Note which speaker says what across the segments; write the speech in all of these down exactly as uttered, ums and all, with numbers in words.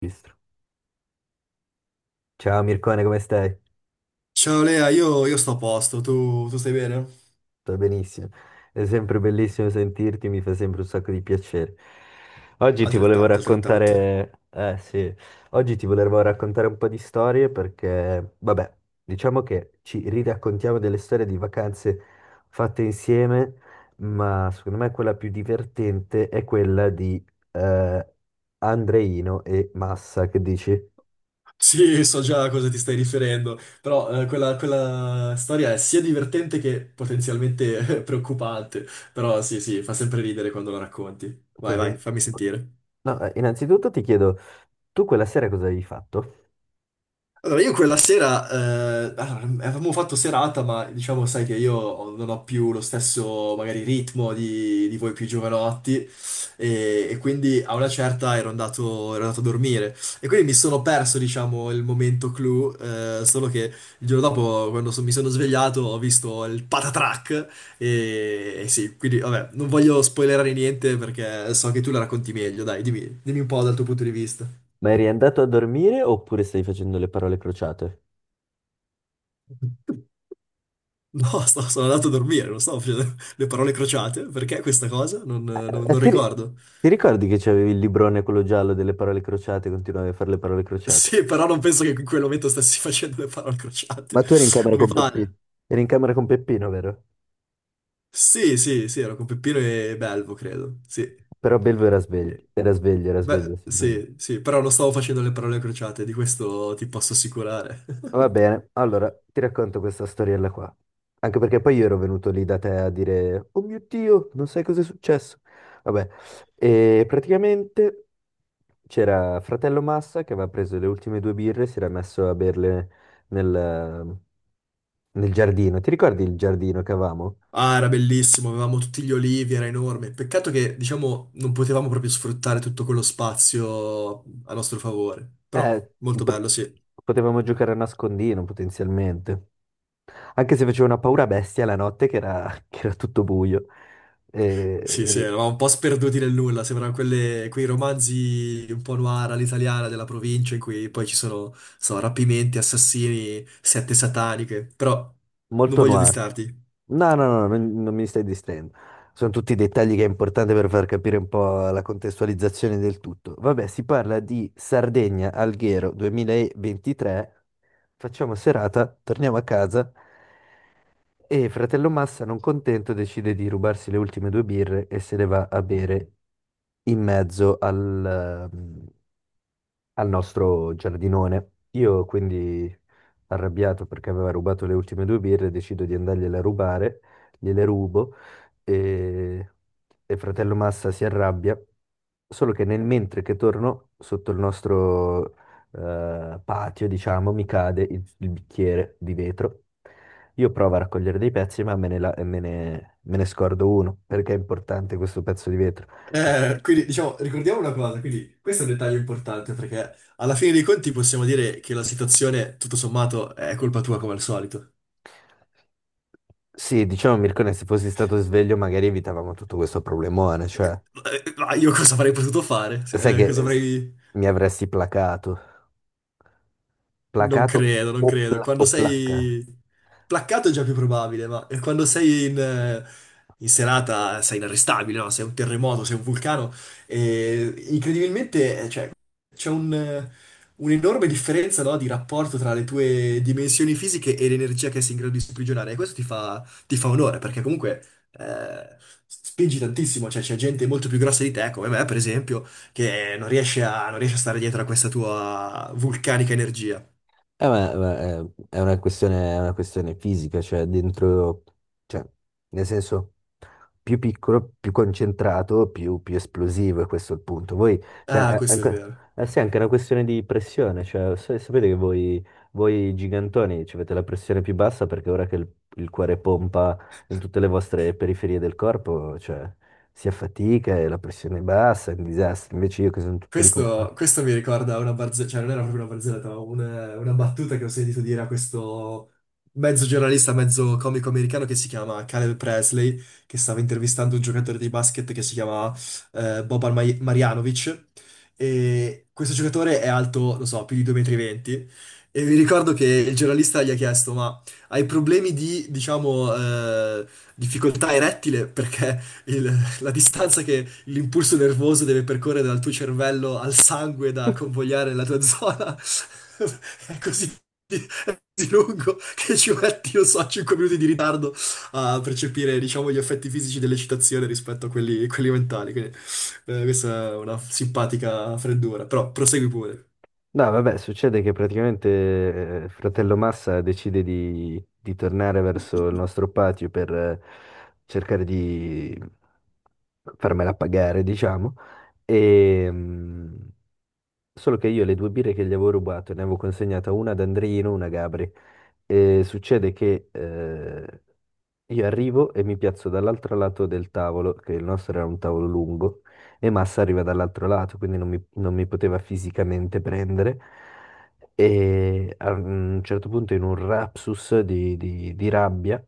Speaker 1: Registro. Ciao Mircone, come stai?
Speaker 2: Ciao Lea, io, io sto a posto, tu, tu stai bene?
Speaker 1: Sto benissimo. È sempre bellissimo sentirti, mi fa sempre un sacco di piacere. Oggi ti volevo
Speaker 2: Altrettanto, altrettanto.
Speaker 1: raccontare, eh sì, oggi ti volevo raccontare un po' di storie perché, vabbè, diciamo che ci riraccontiamo delle storie di vacanze fatte insieme, ma secondo me quella più divertente è quella di eh, Andreino e Massa, che dici?
Speaker 2: Sì, so già a cosa ti stai riferendo, però eh, quella, quella storia è sia divertente che potenzialmente preoccupante, però sì, sì, fa sempre ridere quando la racconti. Vai, vai,
Speaker 1: Poten-
Speaker 2: fammi sentire.
Speaker 1: No, eh, innanzitutto ti chiedo, tu quella sera cosa avevi fatto?
Speaker 2: Allora, io quella sera, eh, allora, avevamo fatto serata, ma diciamo, sai che io ho- non ho più lo stesso, magari, ritmo di, di voi più giovanotti, e, e quindi a una certa ero andato, ero andato a dormire. E quindi mi sono perso, diciamo, il momento clou, eh, solo che il giorno dopo, quando so- mi sono svegliato, ho visto il patatrack, e, e sì, quindi, vabbè, non voglio spoilerare niente perché so che tu la racconti meglio, dai, dimmi, dimmi un po' dal tuo punto di vista.
Speaker 1: Ma eri andato a dormire oppure stai facendo le parole crociate?
Speaker 2: No, sto- sono andato a dormire, non stavo facendo le parole crociate. Perché questa cosa? Non, non-
Speaker 1: Eh,
Speaker 2: non
Speaker 1: ti, ri-
Speaker 2: ricordo.
Speaker 1: ti ricordi che c'avevi il librone quello giallo delle parole crociate e continuavi a fare le parole crociate?
Speaker 2: Sì, però non penso che in quel momento stessi facendo le parole crociate.
Speaker 1: Ma tu eri in camera
Speaker 2: Non mi
Speaker 1: con Peppino.
Speaker 2: pare.
Speaker 1: Eri in camera con Peppino, vero?
Speaker 2: Sì, sì, sì, ero con Peppino e Belvo, credo. Sì.
Speaker 1: Però Belvo era
Speaker 2: Eh,
Speaker 1: sveglio, era sveglio, era sveglio,
Speaker 2: beh,
Speaker 1: sicuramente.
Speaker 2: sì, sì, però non stavo facendo le parole crociate, di questo ti posso assicurare.
Speaker 1: Va bene, allora ti racconto questa storiella qua. Anche perché poi io ero venuto lì da te a dire, oh mio Dio, non sai cosa è successo. Vabbè, e praticamente... C'era fratello Massa che aveva preso le ultime due birre e si era messo a berle nel, nel giardino. Ti ricordi il giardino che avevamo?
Speaker 2: Ah, era bellissimo, avevamo tutti gli olivi, era enorme. Peccato che, diciamo, non potevamo proprio sfruttare tutto quello spazio a nostro favore. Però,
Speaker 1: Eh,
Speaker 2: molto
Speaker 1: po-
Speaker 2: bello, sì.
Speaker 1: potevamo giocare a nascondino potenzialmente. Anche se faceva una paura bestia la notte che era, che era tutto buio.
Speaker 2: Sì, sì,
Speaker 1: E,
Speaker 2: eravamo un po' sperduti nel nulla, sembrano quelle- quei romanzi un po' noir all'italiana della provincia in cui poi ci sono, so, rapimenti, assassini, sette sataniche, però non
Speaker 1: molto
Speaker 2: voglio
Speaker 1: noir.
Speaker 2: distarti.
Speaker 1: No, no, no, non, non mi stai distraendo. Sono tutti dettagli che è importante per far capire un po' la contestualizzazione del tutto. Vabbè, si parla di Sardegna Alghero duemilaventitré. Facciamo serata, torniamo a casa e fratello Massa, non contento, decide di rubarsi le ultime due birre e se le va a bere in mezzo al, ehm, al nostro giardinone. Io quindi, arrabbiato perché aveva rubato le ultime due birre, decido di andargliele a rubare, gliele rubo e, e fratello Massa si arrabbia, solo che nel mentre che torno sotto il nostro eh, patio, diciamo, mi cade il, il bicchiere di vetro. Io provo a raccogliere dei pezzi, ma me ne, la- me ne me ne scordo uno, perché è importante questo pezzo di vetro.
Speaker 2: Eh, quindi, diciamo, ricordiamo una cosa, quindi questo è un dettaglio importante perché alla fine dei conti possiamo dire che la situazione, tutto sommato, è colpa tua come al solito.
Speaker 1: Sì, diciamo Mircone, se fossi stato sveglio magari evitavamo tutto questo problemone, cioè,
Speaker 2: Eh, eh, Ma io cosa avrei potuto fare?
Speaker 1: sai
Speaker 2: Eh,
Speaker 1: che
Speaker 2: cosa
Speaker 1: eh, s-
Speaker 2: avrei...
Speaker 1: mi avresti placato,
Speaker 2: Non
Speaker 1: placato
Speaker 2: credo, non
Speaker 1: o,
Speaker 2: credo.
Speaker 1: pla-
Speaker 2: Quando
Speaker 1: o placcato.
Speaker 2: sei placcato è già più probabile, ma eh, quando sei in, eh, in serata sei inarrestabile, no? Sei un terremoto, sei un vulcano. E incredibilmente, eh, cioè, c'è un, eh, un'enorme differenza, no, di rapporto tra le tue dimensioni fisiche e l'energia che sei in grado di sprigionare. E questo ti fa, ti fa onore, perché comunque eh, spingi tantissimo. Cioè, c'è gente molto più grossa di te, come me, per esempio, che non riesce a, non riesce a stare dietro a questa tua vulcanica energia.
Speaker 1: Eh, ma- ma, eh, è una questione, è una questione fisica, cioè dentro, cioè, nel senso, più piccolo, più concentrato, più, più esplosivo, e questo è il punto. Voi, cioè,
Speaker 2: Ah,
Speaker 1: è
Speaker 2: questo è
Speaker 1: anche,
Speaker 2: vero.
Speaker 1: eh sì, è anche una questione di pressione, cioè, sa- sapete che voi, voi gigantoni ci avete la pressione più bassa perché ora che il, il cuore pompa in tutte le vostre periferie del corpo, cioè, si affatica e la pressione è bassa, è un disastro. Invece io che sono tutto lì con
Speaker 2: Questo, questo mi ricorda una barzelletta, cioè non era proprio una barzelletta, ma una, una battuta che ho sentito dire a questo mezzo giornalista, mezzo comico americano che si chiama Caleb Presley, che stava intervistando un giocatore di basket che si chiama eh, Boban Maj- Marjanovic. E questo giocatore è alto, non so, più di due virgola venti m. E mi ricordo che il giornalista gli ha chiesto: ma hai problemi di, diciamo, eh, difficoltà erettile? Perché il- la distanza che l'impulso nervoso deve percorrere dal tuo cervello al sangue da convogliare la tua zona è così, è così lungo che ci metti, non so, cinque minuti di ritardo a percepire, diciamo, gli effetti fisici dell'eccitazione rispetto a quelli, quelli mentali. Quindi, eh, questa è una simpatica freddura, però prosegui pure.
Speaker 1: no, vabbè, succede che praticamente eh, fratello Massa decide di, di tornare verso il nostro patio per eh, cercare di farmela pagare, diciamo. E, mm, solo che io le due birre che gli avevo rubato, ne avevo consegnata una ad Andrino, una a Gabri. E succede che eh, io arrivo e mi piazzo dall'altro lato del tavolo, che il nostro era un tavolo lungo, e Massa arriva dall'altro lato, quindi non mi, non mi poteva fisicamente prendere. E a un certo punto, in un rapsus di, di- di rabbia,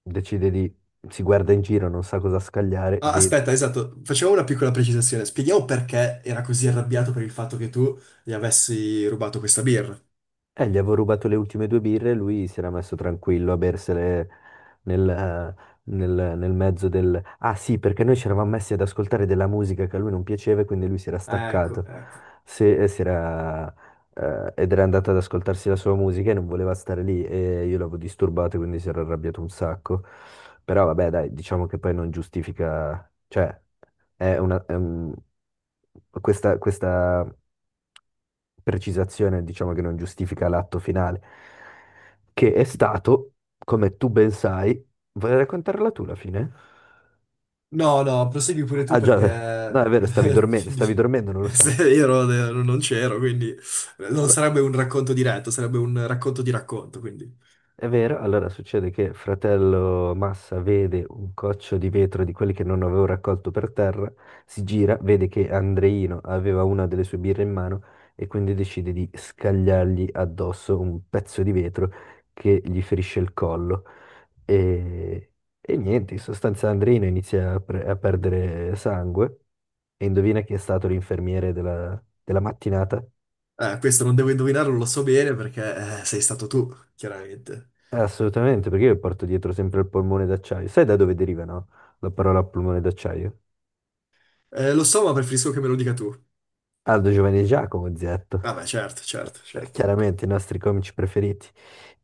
Speaker 1: decide di... si guarda in giro, non sa cosa scagliare,
Speaker 2: Ah,
Speaker 1: vede
Speaker 2: aspetta, esatto, facciamo una piccola precisazione. Spieghiamo perché era così arrabbiato per il fatto che tu gli avessi rubato questa birra.
Speaker 1: eh, gli avevo rubato le ultime due birre e lui si era messo tranquillo a bersele nel, eh, nel- nel mezzo del... Ah sì, perché noi ci eravamo messi ad ascoltare della musica che a lui non piaceva e quindi lui si era
Speaker 2: Ecco,
Speaker 1: staccato
Speaker 2: ecco.
Speaker 1: Se- e si era, eh, ed era andato ad ascoltarsi la sua musica e non voleva stare lì e io l'avevo disturbato quindi si era arrabbiato un sacco. Però vabbè, dai, diciamo che poi non giustifica... cioè... È una, è un- questa, questa precisazione, diciamo che non giustifica l'atto finale, che è stato, come tu ben sai, vuoi raccontarla tu la fine?
Speaker 2: No, no, prosegui pure tu
Speaker 1: Ah già,
Speaker 2: perché
Speaker 1: no, è vero, stavi
Speaker 2: eh,
Speaker 1: dormendo,
Speaker 2: ti
Speaker 1: stavi
Speaker 2: di-
Speaker 1: dormendo, non lo
Speaker 2: se
Speaker 1: sai.
Speaker 2: Io ero- ero- non c'ero, quindi eh, non
Speaker 1: Allora,
Speaker 2: sarebbe un racconto diretto, sarebbe un racconto di racconto, quindi
Speaker 1: è vero, allora succede che fratello Massa vede un coccio di vetro di quelli che non avevo raccolto per terra, si gira, vede che Andreino aveva una delle sue birre in mano e quindi decide di scagliargli addosso un pezzo di vetro che gli ferisce il collo. E, e niente, in sostanza Andreino inizia a, pre- a perdere sangue e indovina chi è stato l'infermiere della della mattinata?
Speaker 2: eh, questo non devo indovinarlo, lo so bene perché eh, sei stato tu, chiaramente.
Speaker 1: Eh, Assolutamente, perché io porto dietro sempre il polmone d'acciaio. Sai da dove deriva, no? La parola polmone d'acciaio?
Speaker 2: Eh, lo so, ma preferisco che me lo dica tu.
Speaker 1: Aldo Giovanni e Giacomo Zetto.
Speaker 2: Vabbè, certo, certo,
Speaker 1: Eh,
Speaker 2: certo.
Speaker 1: Chiaramente i nostri comici preferiti.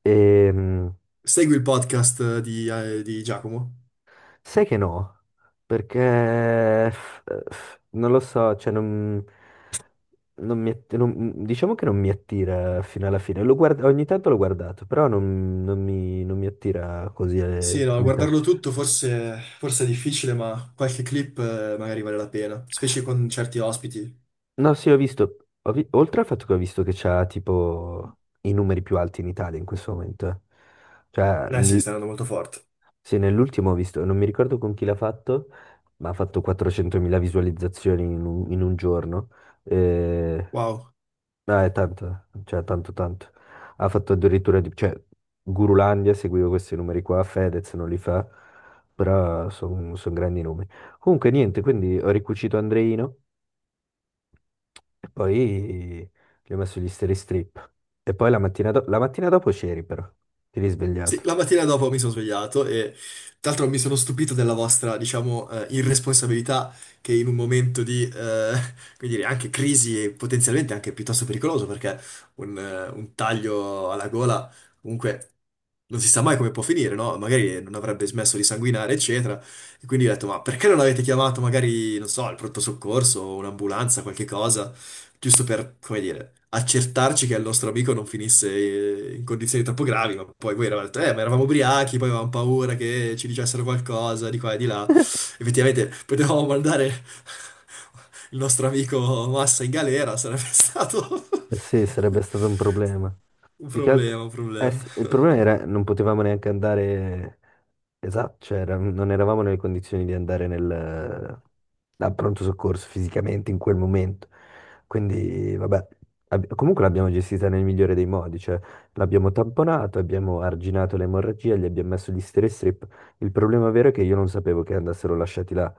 Speaker 1: Ehm,
Speaker 2: Segui il podcast di, eh, di Giacomo?
Speaker 1: sai che no? Perché f- f- non lo so, cioè non, non mi, att- non- diciamo che non mi attira fino alla fine. Lo guard- ogni tanto l'ho guardato, però non, non mi, non mi attira così,
Speaker 2: Sì,
Speaker 1: eh,
Speaker 2: no,
Speaker 1: così tanto.
Speaker 2: guardarlo tutto forse, forse è difficile, ma qualche clip eh, magari vale la pena, specie con certi ospiti.
Speaker 1: No, sì, ho visto, ho vi- oltre al fatto che ho visto che c'ha tipo i numeri più alti in Italia in questo momento, eh. cioè
Speaker 2: Eh sì,
Speaker 1: nel-
Speaker 2: sta andando molto forte.
Speaker 1: sì, nell'ultimo ho visto, non mi ricordo con chi l'ha fatto, ma ha fatto quattrocentomila visualizzazioni in un, in un giorno, eh,
Speaker 2: Wow.
Speaker 1: no, è tanto, cioè tanto tanto, ha fatto addirittura, di- cioè Gurulandia, seguivo questi numeri qua, Fedez non li fa, però sono grandi numeri. Comunque niente, quindi ho ricucito Andreino. E poi gli ho messo gli steri strip. E poi la mattina, do- la mattina dopo c'eri però, ti
Speaker 2: Sì,
Speaker 1: risvegliato.
Speaker 2: la mattina dopo mi sono svegliato e tra l'altro mi sono stupito della vostra, diciamo, eh, irresponsabilità che in un momento di, eh, come dire, anche crisi e potenzialmente anche piuttosto pericoloso perché un, eh, un taglio alla gola comunque non si sa mai come può finire, no? Magari non avrebbe smesso di sanguinare, eccetera. E quindi ho detto, ma perché non avete chiamato magari, non so, il pronto soccorso, un'ambulanza, qualche cosa? Giusto per, come dire, accertarci che il nostro amico non finisse eh, in condizioni troppo gravi, ma poi voi eravate, eh, ma eravamo ubriachi, poi avevamo paura che ci dicessero qualcosa di qua e di là. Effettivamente potevamo mandare il nostro amico Massa in galera, sarebbe stato
Speaker 1: Eh sì, sarebbe stato un problema.
Speaker 2: un
Speaker 1: Più che altro...
Speaker 2: problema, un
Speaker 1: Eh
Speaker 2: problema.
Speaker 1: sì, il problema era non potevamo neanche andare. Esatto, cioè, era- non eravamo nelle condizioni di andare nel, al pronto soccorso fisicamente in quel momento. Quindi, vabbè, ab- comunque l'abbiamo gestita nel migliore dei modi, cioè l'abbiamo tamponato, abbiamo arginato l'emorragia, gli abbiamo messo gli stere strip. Il problema vero è che io non sapevo che andassero lasciati là.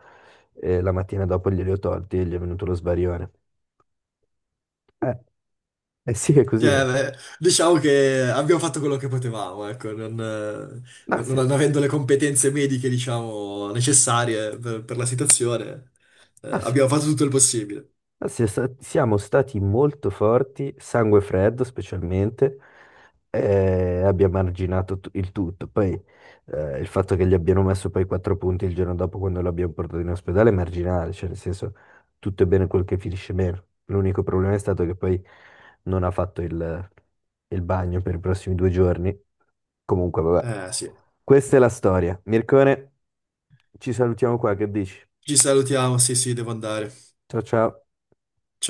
Speaker 1: E la mattina dopo glieli ho tolti e gli è venuto lo sbarione. Eh, eh sì, è così.
Speaker 2: Cioè,
Speaker 1: Eh.
Speaker 2: beh, diciamo che abbiamo fatto quello che potevamo, ecco, non, eh,
Speaker 1: Ah,
Speaker 2: non-
Speaker 1: sì.
Speaker 2: non avendo le competenze mediche, diciamo, necessarie per, per la situazione, eh,
Speaker 1: Ah, sì.
Speaker 2: abbiamo fatto tutto il possibile.
Speaker 1: Ma si- sa- Siamo stati molto forti, sangue freddo specialmente, e abbiamo arginato tu- il tutto. Poi eh, il fatto che gli abbiano messo poi quattro punti il giorno dopo quando l'abbiamo portato in ospedale è marginale, cioè nel senso tutto è bene quel che finisce bene. L'unico problema è stato che poi non ha fatto il, il bagno per i prossimi due giorni. Comunque, vabbè,
Speaker 2: Eh sì,
Speaker 1: questa è la storia. Mircone, ci salutiamo qua, che dici?
Speaker 2: ci salutiamo, sì sì, devo andare.
Speaker 1: Ciao ciao.